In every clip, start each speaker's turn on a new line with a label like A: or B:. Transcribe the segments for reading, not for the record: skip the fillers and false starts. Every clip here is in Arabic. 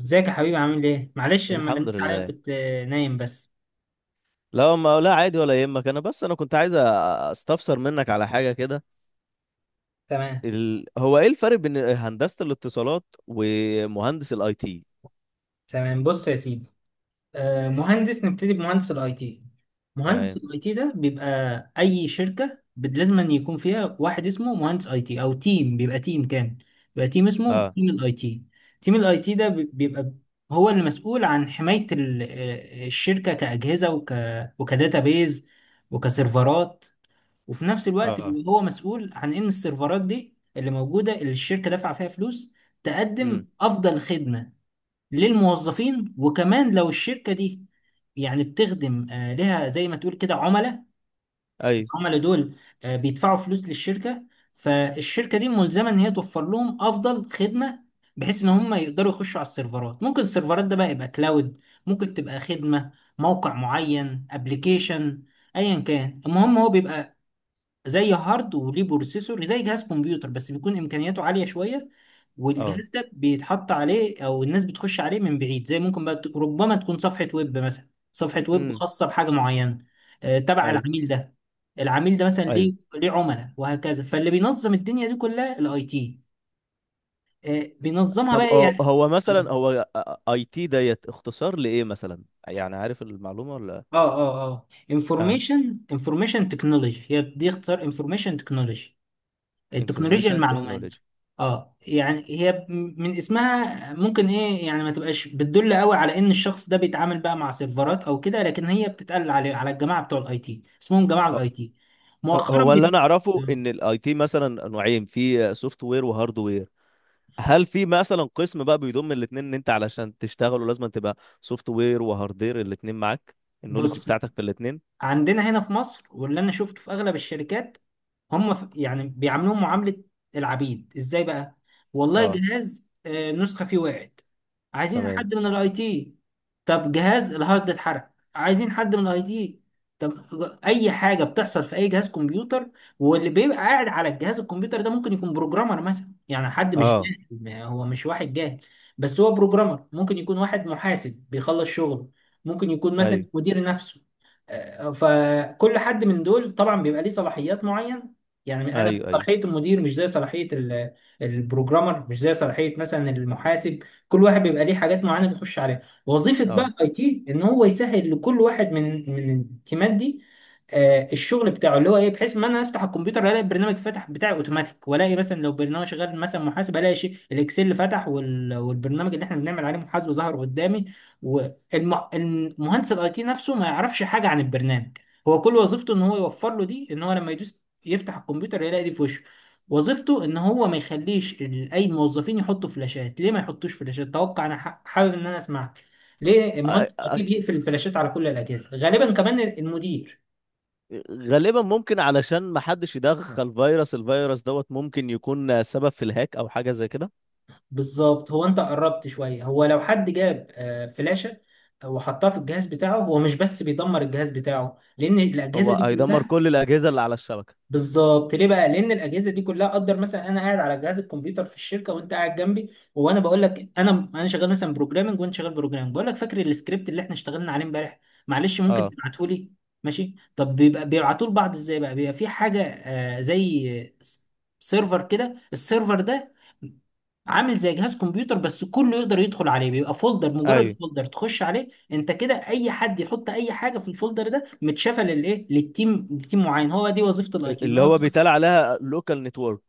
A: ازيك يا حبيبي؟ عامل ايه؟ معلش، لما
B: الحمد
A: رنيت عليا
B: لله.
A: كنت نايم بس.
B: لا، ما لا عادي، ولا يهمك. بس انا كنت عايز استفسر منك على حاجه كده.
A: تمام.
B: هو ايه الفرق بين هندسه الاتصالات ومهندس الاي تي؟
A: تمام، بص يا سيدي. مهندس، نبتدي بمهندس الاي تي. مهندس
B: تمام.
A: الاي تي ده بيبقى اي شركة لازم أن يكون فيها واحد اسمه مهندس اي تي او تيم، بيبقى تيم كامل، بيبقى تيم اسمه
B: اه،
A: تيم الاي تي. تيم الاي تي ده بيبقى هو اللي مسؤول عن حماية الشركة كأجهزة، وك، وكداتابيز، وكسيرفرات. وفي نفس الوقت
B: اه.
A: بيبقى هو مسؤول عن ان السيرفرات دي اللي موجوده، اللي الشركه دافعه فيها فلوس،
B: امم.
A: تقدم افضل خدمه للموظفين. وكمان لو الشركه دي يعني بتخدم لها زي ما تقول كده عملاء،
B: ايوه.
A: العملاء دول بيدفعوا فلوس للشركه، فالشركه دي ملزمه ان هي توفر لهم افضل خدمه، بحيث ان هم يقدروا يخشوا على السيرفرات. ممكن السيرفرات ده بقى يبقى كلاود، ممكن تبقى خدمه، موقع معين، ابلكيشن، ايا كان. المهم هو بيبقى زي هارد وليه بروسيسور، زي جهاز كمبيوتر بس بيكون امكانياته عاليه شويه.
B: اه.
A: والجهاز ده بيتحط عليه او الناس بتخش عليه من بعيد، زي ممكن بقى ربما تكون صفحه ويب مثلا، صفحه ويب
B: امم.
A: خاصه بحاجه معينه تبع
B: ايوه،
A: العميل ده. العميل ده مثلا
B: ايوه.
A: ليه ليه عملاء وهكذا، فاللي بينظم الدنيا دي كلها الاي تي بينظمها
B: طب،
A: بقى، ايه
B: هو
A: يعني.
B: هو مثلا، اي تي ديت اختصار لايه مثلا؟ يعني عارف المعلومه ولا؟
A: اه
B: اه.
A: انفورميشن، انفورميشن تكنولوجي، هي دي اختصار انفورميشن تكنولوجي، التكنولوجيا
B: انفورميشن
A: المعلومات.
B: تكنولوجي.
A: اه، يعني هي من اسمها ممكن، ايه يعني، ما تبقاش بتدل قوي على ان الشخص ده بيتعامل بقى مع سيرفرات او كده، لكن هي بتتقال على الجماعه بتوع الاي تي، اسمهم جماعه الاي تي. مؤخرا
B: هو اللي انا اعرفه ان الاي تي مثلا نوعين، في سوفت وير وهارد وير. هل في مثلا قسم بقى بيضم الاثنين، ان انت علشان تشتغلوا لازم تبقى سوفت وير وهاردير الاثنين معاك، النولج
A: بص،
B: بتاعتك في الاثنين؟
A: عندنا هنا في مصر، واللي انا شفته في اغلب الشركات، هم يعني بيعاملوهم معاملة العبيد. ازاي بقى؟ والله
B: اه.
A: جهاز، نسخة فيه وقعت، عايزين
B: تمام.
A: حد من الاي تي. طب جهاز الهارد اتحرق، عايزين حد من الاي تي. طب، اي حاجة بتحصل في اي جهاز كمبيوتر، واللي بيبقى قاعد على الجهاز الكمبيوتر ده ممكن يكون بروجرامر مثلا، يعني حد مش
B: اه.
A: جاهل، ما هو مش واحد جاهل، بس هو بروجرامر. ممكن يكون واحد محاسب بيخلص شغله، ممكن يكون مثلا
B: ايوه،
A: مدير نفسه. فكل حد من دول طبعا بيبقى ليه صلاحيات معينه. يعني انا
B: ايوه، ايوه.
A: صلاحيه المدير مش زي صلاحيه البروجرامر، مش زي صلاحيه مثلا المحاسب. كل واحد بيبقى ليه حاجات معينه بيخش عليها. وظيفه بقى
B: اه.
A: الاي تي ان هو يسهل لكل واحد من التيمات دي الشغل بتاعه، اللي هو ايه، بحيث ما انا افتح الكمبيوتر الاقي البرنامج فتح بتاعي اوتوماتيك، والاقي مثلا لو برنامج شغال، مثلا محاسبه، الاقي شيء الاكسل فتح والبرنامج اللي احنا بنعمل عليه محاسبه ظهر قدامي. والمهندس الاي تي نفسه ما يعرفش حاجه عن البرنامج، هو كل وظيفته ان هو يوفر له دي، ان هو لما يدوس يفتح الكمبيوتر يلاقي دي في وشه. وظيفته ان هو ما يخليش اي موظفين يحطوا فلاشات. ليه ما يحطوش فلاشات؟ توقع، انا حابب ان انا اسمعك، ليه
B: أ-
A: مهندس الاي تي
B: أ-
A: بيقفل الفلاشات على كل الاجهزه غالبا، كمان المدير؟
B: غالبا ممكن علشان ما حدش يدخل فيروس، الفيروس دوت ممكن يكون سبب في الهاك او حاجه زي كده.
A: بالظبط، هو انت قربت شويه. هو لو حد جاب فلاشه وحطها في الجهاز بتاعه، هو مش بس بيدمر الجهاز بتاعه، لان الاجهزه
B: هو
A: دي
B: هيدمر
A: كلها،
B: كل الاجهزه اللي على الشبكه.
A: بالظبط. ليه بقى؟ لان الاجهزه دي كلها، اقدر مثلا انا قاعد على جهاز الكمبيوتر في الشركه وانت قاعد جنبي، وانا بقول لك: انا شغال مثلا بروجرامنج وانت شغال بروجرامنج، بقول لك: فاكر السكريبت اللي احنا اشتغلنا عليه امبارح؟ معلش ممكن
B: اه،
A: تبعته لي؟ ماشي. طب بيبقى بيبعتوه لبعض ازاي بقى؟ بيبقى في حاجه زي سيرفر كده. السيرفر ده عامل زي جهاز كمبيوتر بس كله يقدر يدخل عليه، بيبقى فولدر، مجرد
B: ايوه.
A: فولدر تخش عليه انت كده. اي حد يحط اي حاجه في الفولدر ده متشافه للايه، للتيم، لتيم معين. هو دي وظيفه الاي تي، ان
B: اللي
A: هو
B: هو بيتقال
A: يخصص.
B: عليها لوكال نتورك.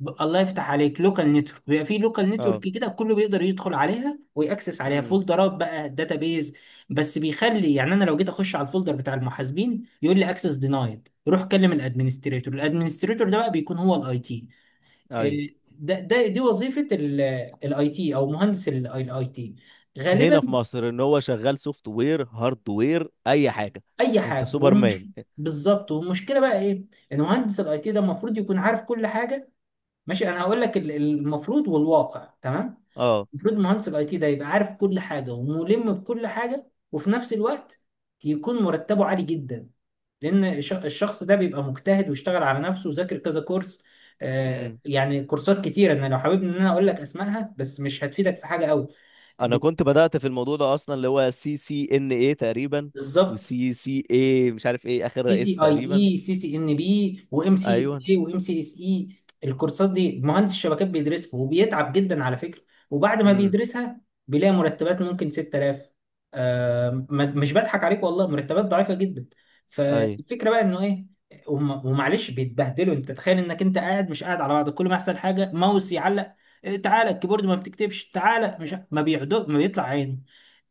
A: الله يفتح عليك، لوكال نتورك. بيبقى في لوكال نتورك
B: اه.
A: كده كله بيقدر يدخل عليها ويأكسس عليها،
B: امم.
A: فولدرات بقى، داتابيز. بس بيخلي، يعني انا لو جيت اخش على الفولدر بتاع المحاسبين يقول لي: اكسس دينايد، روح كلم الادمنستريتور. الادمنستريتور ده بقى بيكون هو الاي تي.
B: ايوه.
A: ده دي وظيفه الاي تي، او مهندس الاي تي
B: في
A: غالبا.
B: هنا في مصر ان هو شغال سوفت وير هارد وير اي حاجه؟
A: اي
B: انت
A: حاجه،
B: سوبر مان.
A: ومش، بالظبط. والمشكله بقى ايه؟ ان مهندس الاي تي ده المفروض يكون عارف كل حاجه. ماشي، انا هقول لك المفروض والواقع. تمام،
B: اه.
A: المفروض مهندس الاي تي ده يبقى عارف كل حاجه، وملم بكل حاجه، وفي نفس الوقت يكون مرتبه عالي جدا، لان الشخص ده بيبقى مجتهد واشتغل على نفسه وذاكر كذا كورس.
B: امم.
A: يعني كورسات كتيره، انا لو حابب ان انا اقول لك اسمائها بس مش هتفيدك في حاجه قوي.
B: انا
A: ب-
B: كنت بدات في الموضوع ده اصلا، اللي هو سي سي ان اي تقريبا،
A: بالظبط.
B: وسي سي اي مش عارف ايه اخر
A: اي سي
B: رئيس
A: اي،
B: تقريبا.
A: اي سي سي ان بي، وام سي
B: ايوه.
A: اس اي، وام سي اس اي. الكورسات دي مهندس الشبكات بيدرسها وبيتعب جدا على فكره. وبعد ما
B: امم.
A: بيدرسها بيلاقي مرتبات ممكن 6000. آه مش بضحك عليك والله، مرتبات ضعيفه جدا.
B: اي.
A: فالفكره بقى انه ايه؟ ومعلش بيتبهدلوا. انت تخيل انك انت قاعد، مش قاعد على بعض، كل ما يحصل حاجه، ماوس يعلق، تعالى، الكيبورد ما بتكتبش، تعالى. مش ما بيعدو ما بيطلع عينه،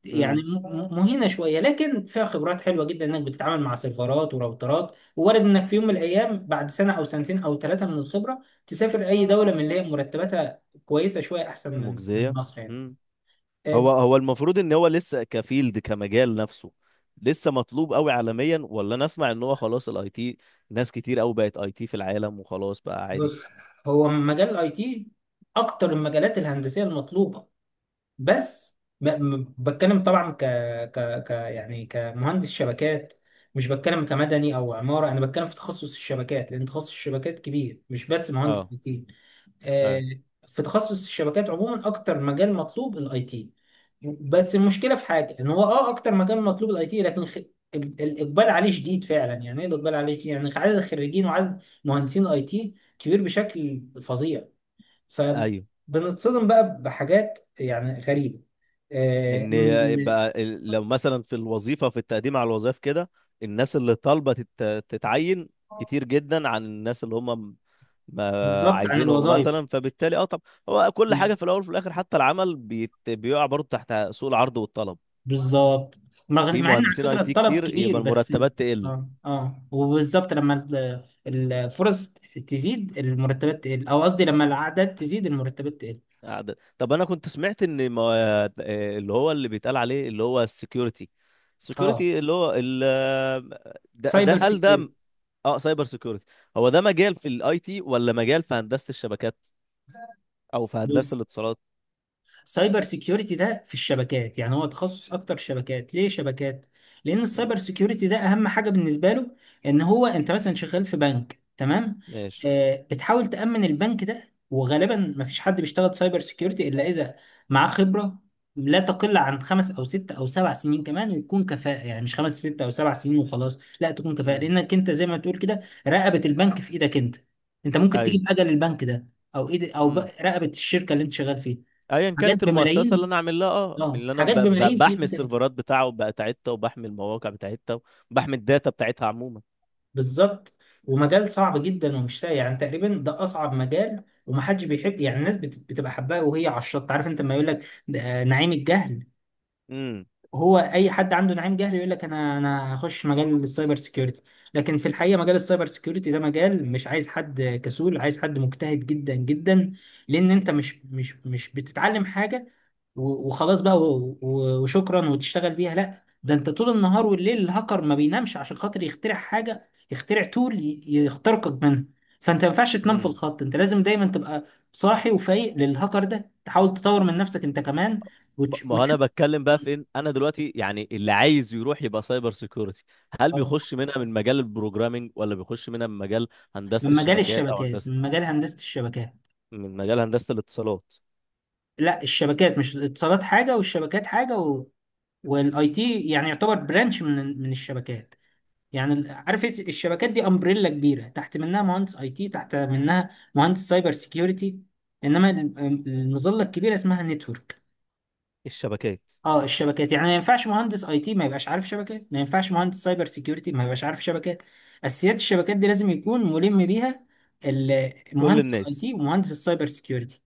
A: يعني
B: امم.
A: مهينه شويه، لكن فيها خبرات حلوه جدا، انك بتتعامل مع سيرفرات وراوترات. وارد انك في يوم من الايام بعد سنه او سنتين او 3 من الخبره تسافر اي دوله من اللي هي مرتباتها كويسه شويه، احسن من
B: مجزيه.
A: مصر يعني.
B: امم. هو
A: آه،
B: هو المفروض ان هو لسه كفيلد كمجال نفسه، لسه مطلوب قوي عالميا، ولا انا اسمع ان هو خلاص الاي تي، ناس كتير قوي بقت اي تي في العالم وخلاص بقى عادي؟
A: بص، هو مجال الاي تي اكتر المجالات الهندسيه المطلوبه، بس بتكلم طبعا ك يعني كمهندس شبكات، مش بتكلم كمدني او عماره. انا بتكلم في تخصص الشبكات، لان تخصص الشبكات كبير، مش بس مهندس
B: اه.
A: اي تي. آه،
B: ايوه،
A: في تخصص الشبكات عموما اكتر مجال مطلوب الاي تي. بس المشكله في حاجه، ان هو اه اكتر مجال مطلوب الاي تي، لكن الاقبال عليه شديد فعلا. يعني ايه الاقبال عليه شديد؟ يعني عدد الخريجين وعدد مهندسين الاي تي كبير بشكل فظيع،
B: ايوه.
A: فبنتصدم بقى بحاجات يعني غريبه. آه،
B: ان
A: إن-
B: يبقى لو مثلا في الوظيفه، في التقديم على الوظائف كده، الناس اللي طالبه تتعين كتير جدا عن الناس اللي هم ما
A: بالظبط، عن
B: عايزينهم
A: الوظائف
B: مثلا، فبالتالي طب هو كل حاجه في الاول وفي الاخر، حتى العمل بيقع برضه تحت سوق العرض والطلب.
A: بالظبط. مع
B: في
A: مع ان على
B: مهندسين اي
A: فكره
B: تي
A: الطلب
B: كتير
A: كبير،
B: يبقى
A: بس
B: المرتبات تقل.
A: اه اه. وبالظبط لما الفرص تزيد المرتبات تقل، او قصدي لما الاعداد تزيد المرتبات تقل.
B: طب انا كنت سمعت ان ما اللي هو اللي بيتقال عليه اللي هو السكيورتي
A: اه،
B: السكيورتي اللي هو ده،
A: سايبر
B: هل ده؟
A: سيكيورتي.
B: اه، سايبر سيكيورتي. هو ده مجال في الاي تي ولا مجال في هندسة الشبكات او في هندسة الاتصالات؟
A: سايبر سيكيورتي ده في الشبكات، يعني هو تخصص اكتر شبكات. ليه شبكات؟ لان
B: مم.
A: السايبر سيكيورتي ده اهم حاجه بالنسبه له ان هو، انت مثلا شغال في بنك، تمام؟
B: ماشي.
A: آه، بتحاول تامن البنك ده. وغالبا ما فيش حد بيشتغل سايبر سيكيورتي الا اذا معاه خبره لا تقل عن 5 او 6 او 7 سنين، كمان ويكون كفاءه. يعني مش 5 6 او 7 سنين وخلاص، لا، تكون كفاءه،
B: امم.
A: لانك انت زي ما تقول كده رقبه البنك في ايدك انت. انت ممكن
B: اي.
A: تجيب اجل البنك ده، او ايد او
B: امم.
A: رقبه الشركه اللي انت شغال فيها.
B: ايا
A: حاجات
B: كانت المؤسسة اللي
A: بملايين،
B: انا عامل لها، من
A: اه
B: اللي انا
A: حاجات بملايين في
B: بحمي
A: ايد تاني.
B: السيرفرات بتاعتها، وبحمي المواقع بتاعتها، وبحمي الداتا بتاعتها عموما.
A: بالظبط. ومجال صعب جدا ومش سهل، يعني تقريبا ده اصعب مجال ومحدش بيحب. يعني الناس بتبقى حباه وهي على الشط، عارف انت لما يقول لك نعيم الجهل؟
B: امم.
A: هو اي حد عنده نعيم جهل يقول لك انا هخش مجال السايبر سيكيورتي، لكن في الحقيقه مجال السايبر سيكيورتي ده مجال مش عايز حد كسول، عايز حد مجتهد جدا جدا، لان انت مش بتتعلم حاجه وخلاص بقى وشكرا وتشتغل بيها. لا، ده انت طول النهار والليل، الهاكر ما بينامش عشان خاطر يخترع حاجه، يخترع تول يخترقك منها. فانت ما ينفعش تنام في
B: امم.
A: الخط، انت لازم دايما تبقى صاحي وفايق للهاكر ده، تحاول تطور من نفسك انت كمان،
B: ما ما هو انا
A: وتشوف.
B: بتكلم بقى فين انا دلوقتي، يعني اللي عايز يروح يبقى سايبر سيكيورتي، هل
A: آه.
B: بيخش منها من مجال البروجرامينج، ولا بيخش منها من مجال هندسة
A: من مجال
B: الشبكات، او
A: الشبكات، من مجال هندسة الشبكات.
B: من مجال هندسة الاتصالات؟
A: لا، الشبكات مش الاتصالات حاجة والشبكات حاجة. والاي تي يعني يعتبر برانش من الشبكات. يعني عارف إيه؟ الشبكات دي امبريلا كبيرة، تحت منها مهندس اي تي، تحت منها مهندس سايبر سيكيورتي. انما المظلة الكبيرة اسمها نتورك.
B: الشبكات.
A: اه الشبكات، يعني ما ينفعش مهندس اي تي ما يبقاش عارف شبكات، ما ينفعش مهندس سايبر سيكيورتي ما يبقاش عارف شبكات. اساسيات الشبكات دي لازم يكون ملم بيها
B: كل
A: مهندس الاي
B: الناس.
A: تي ومهندس السايبر سيكيورتي.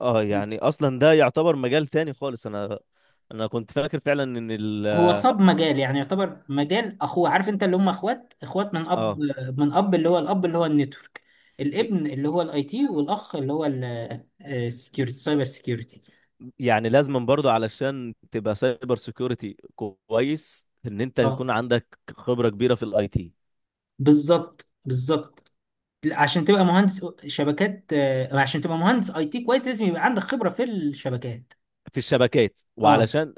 B: اه، يعني اصلا ده يعتبر مجال تاني خالص. انا كنت فاكر فعلا ان ال
A: هو صاب مجال، يعني يعتبر مجال اخوه. عارف انت اللي هم اخوات، اخوات من اب،
B: اه
A: اللي هو الاب اللي هو النتورك، الابن اللي هو الاي تي، والاخ اللي هو السكيورتي، سايبر سكيورتي.
B: يعني لازم برضه علشان تبقى سايبر سيكيورتي كويس ان انت
A: اه،
B: يكون عندك خبرة كبيرة في الاي تي،
A: بالظبط، عشان تبقى مهندس شبكات، عشان تبقى مهندس اي تي كويس لازم يبقى عندك خبرة في الشبكات.
B: في الشبكات.
A: اه
B: وعلشان،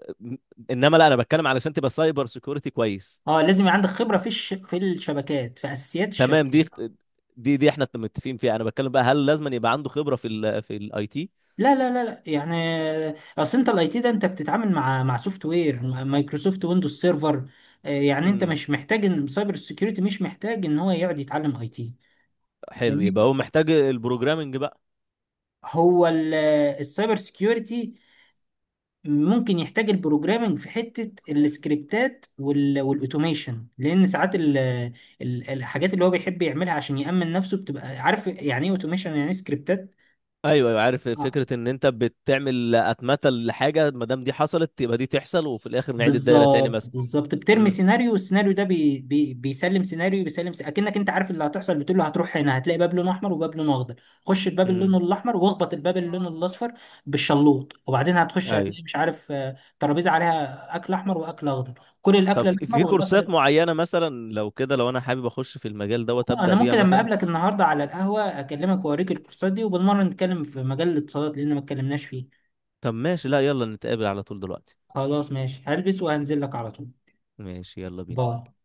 B: انما لا، انا بتكلم علشان تبقى سايبر سيكيورتي كويس.
A: اه لازم يبقى عندك خبرة في الشبكات، في اساسيات
B: تمام. دي،
A: الشبكات.
B: دي احنا متفقين فيها، انا بتكلم بقى هل لازم يبقى عنده خبرة في في الاي تي؟
A: لا يعني اصل انت الاي تي ده، انت بتتعامل مع سوفت وير مايكروسوفت ويندوز سيرفر يعني انت
B: امم.
A: مش محتاج ان سايبر سيكيورتي مش محتاج ان هو يقعد يتعلم اي تي.
B: حلو، يبقى
A: جميل.
B: هو محتاج البروجرامنج بقى؟
A: هو السايبر سيكيورتي ممكن يحتاج البروجرامنج في حتة السكريبتات والاوتوميشن، لان ساعات الحاجات اللي هو بيحب يعملها عشان يأمن نفسه بتبقى، عارف يعني ايه اوتوميشن، يعني ايه سكريبتات.
B: ايوه، ايوه، عارف فكره ان انت بتعمل اتمته لحاجه، ما دام دي حصلت يبقى دي تحصل، وفي الاخر نعيد الدايره تاني
A: بالظبط
B: مثلا.
A: بالظبط بترمي
B: امم.
A: سيناريو، والسيناريو ده بي بي بيسلم سيناريو، بيسلم سيناريو. اكنك انت عارف اللي هتحصل، بتقول له: هتروح هنا هتلاقي باب لونه احمر وباب لونه اخضر، خش الباب اللي لونه
B: امم.
A: الاحمر واخبط الباب اللي لونه الاصفر بالشلوط، وبعدين هتخش
B: ايوه.
A: هتلاقي، مش عارف، ترابيزه عليها اكل احمر واكل اخضر، كل
B: طب،
A: الاكل
B: في
A: الاحمر
B: في كورسات
A: والاكل.
B: معينه، مثلا لو كده، لو انا حابب اخش في المجال دوت ابدا
A: انا
B: بيها
A: ممكن لما
B: مثلا؟
A: اقابلك النهارده على القهوه اكلمك واوريك الكورسات دي، وبالمره نتكلم في مجال الاتصالات لان ما اتكلمناش فيه.
B: طب ماشي، لا يلا نتقابل على طول دلوقتي.
A: خلاص، ماشي، هلبس وهنزل لك على طول.
B: ماشي، يلا بينا.
A: باي.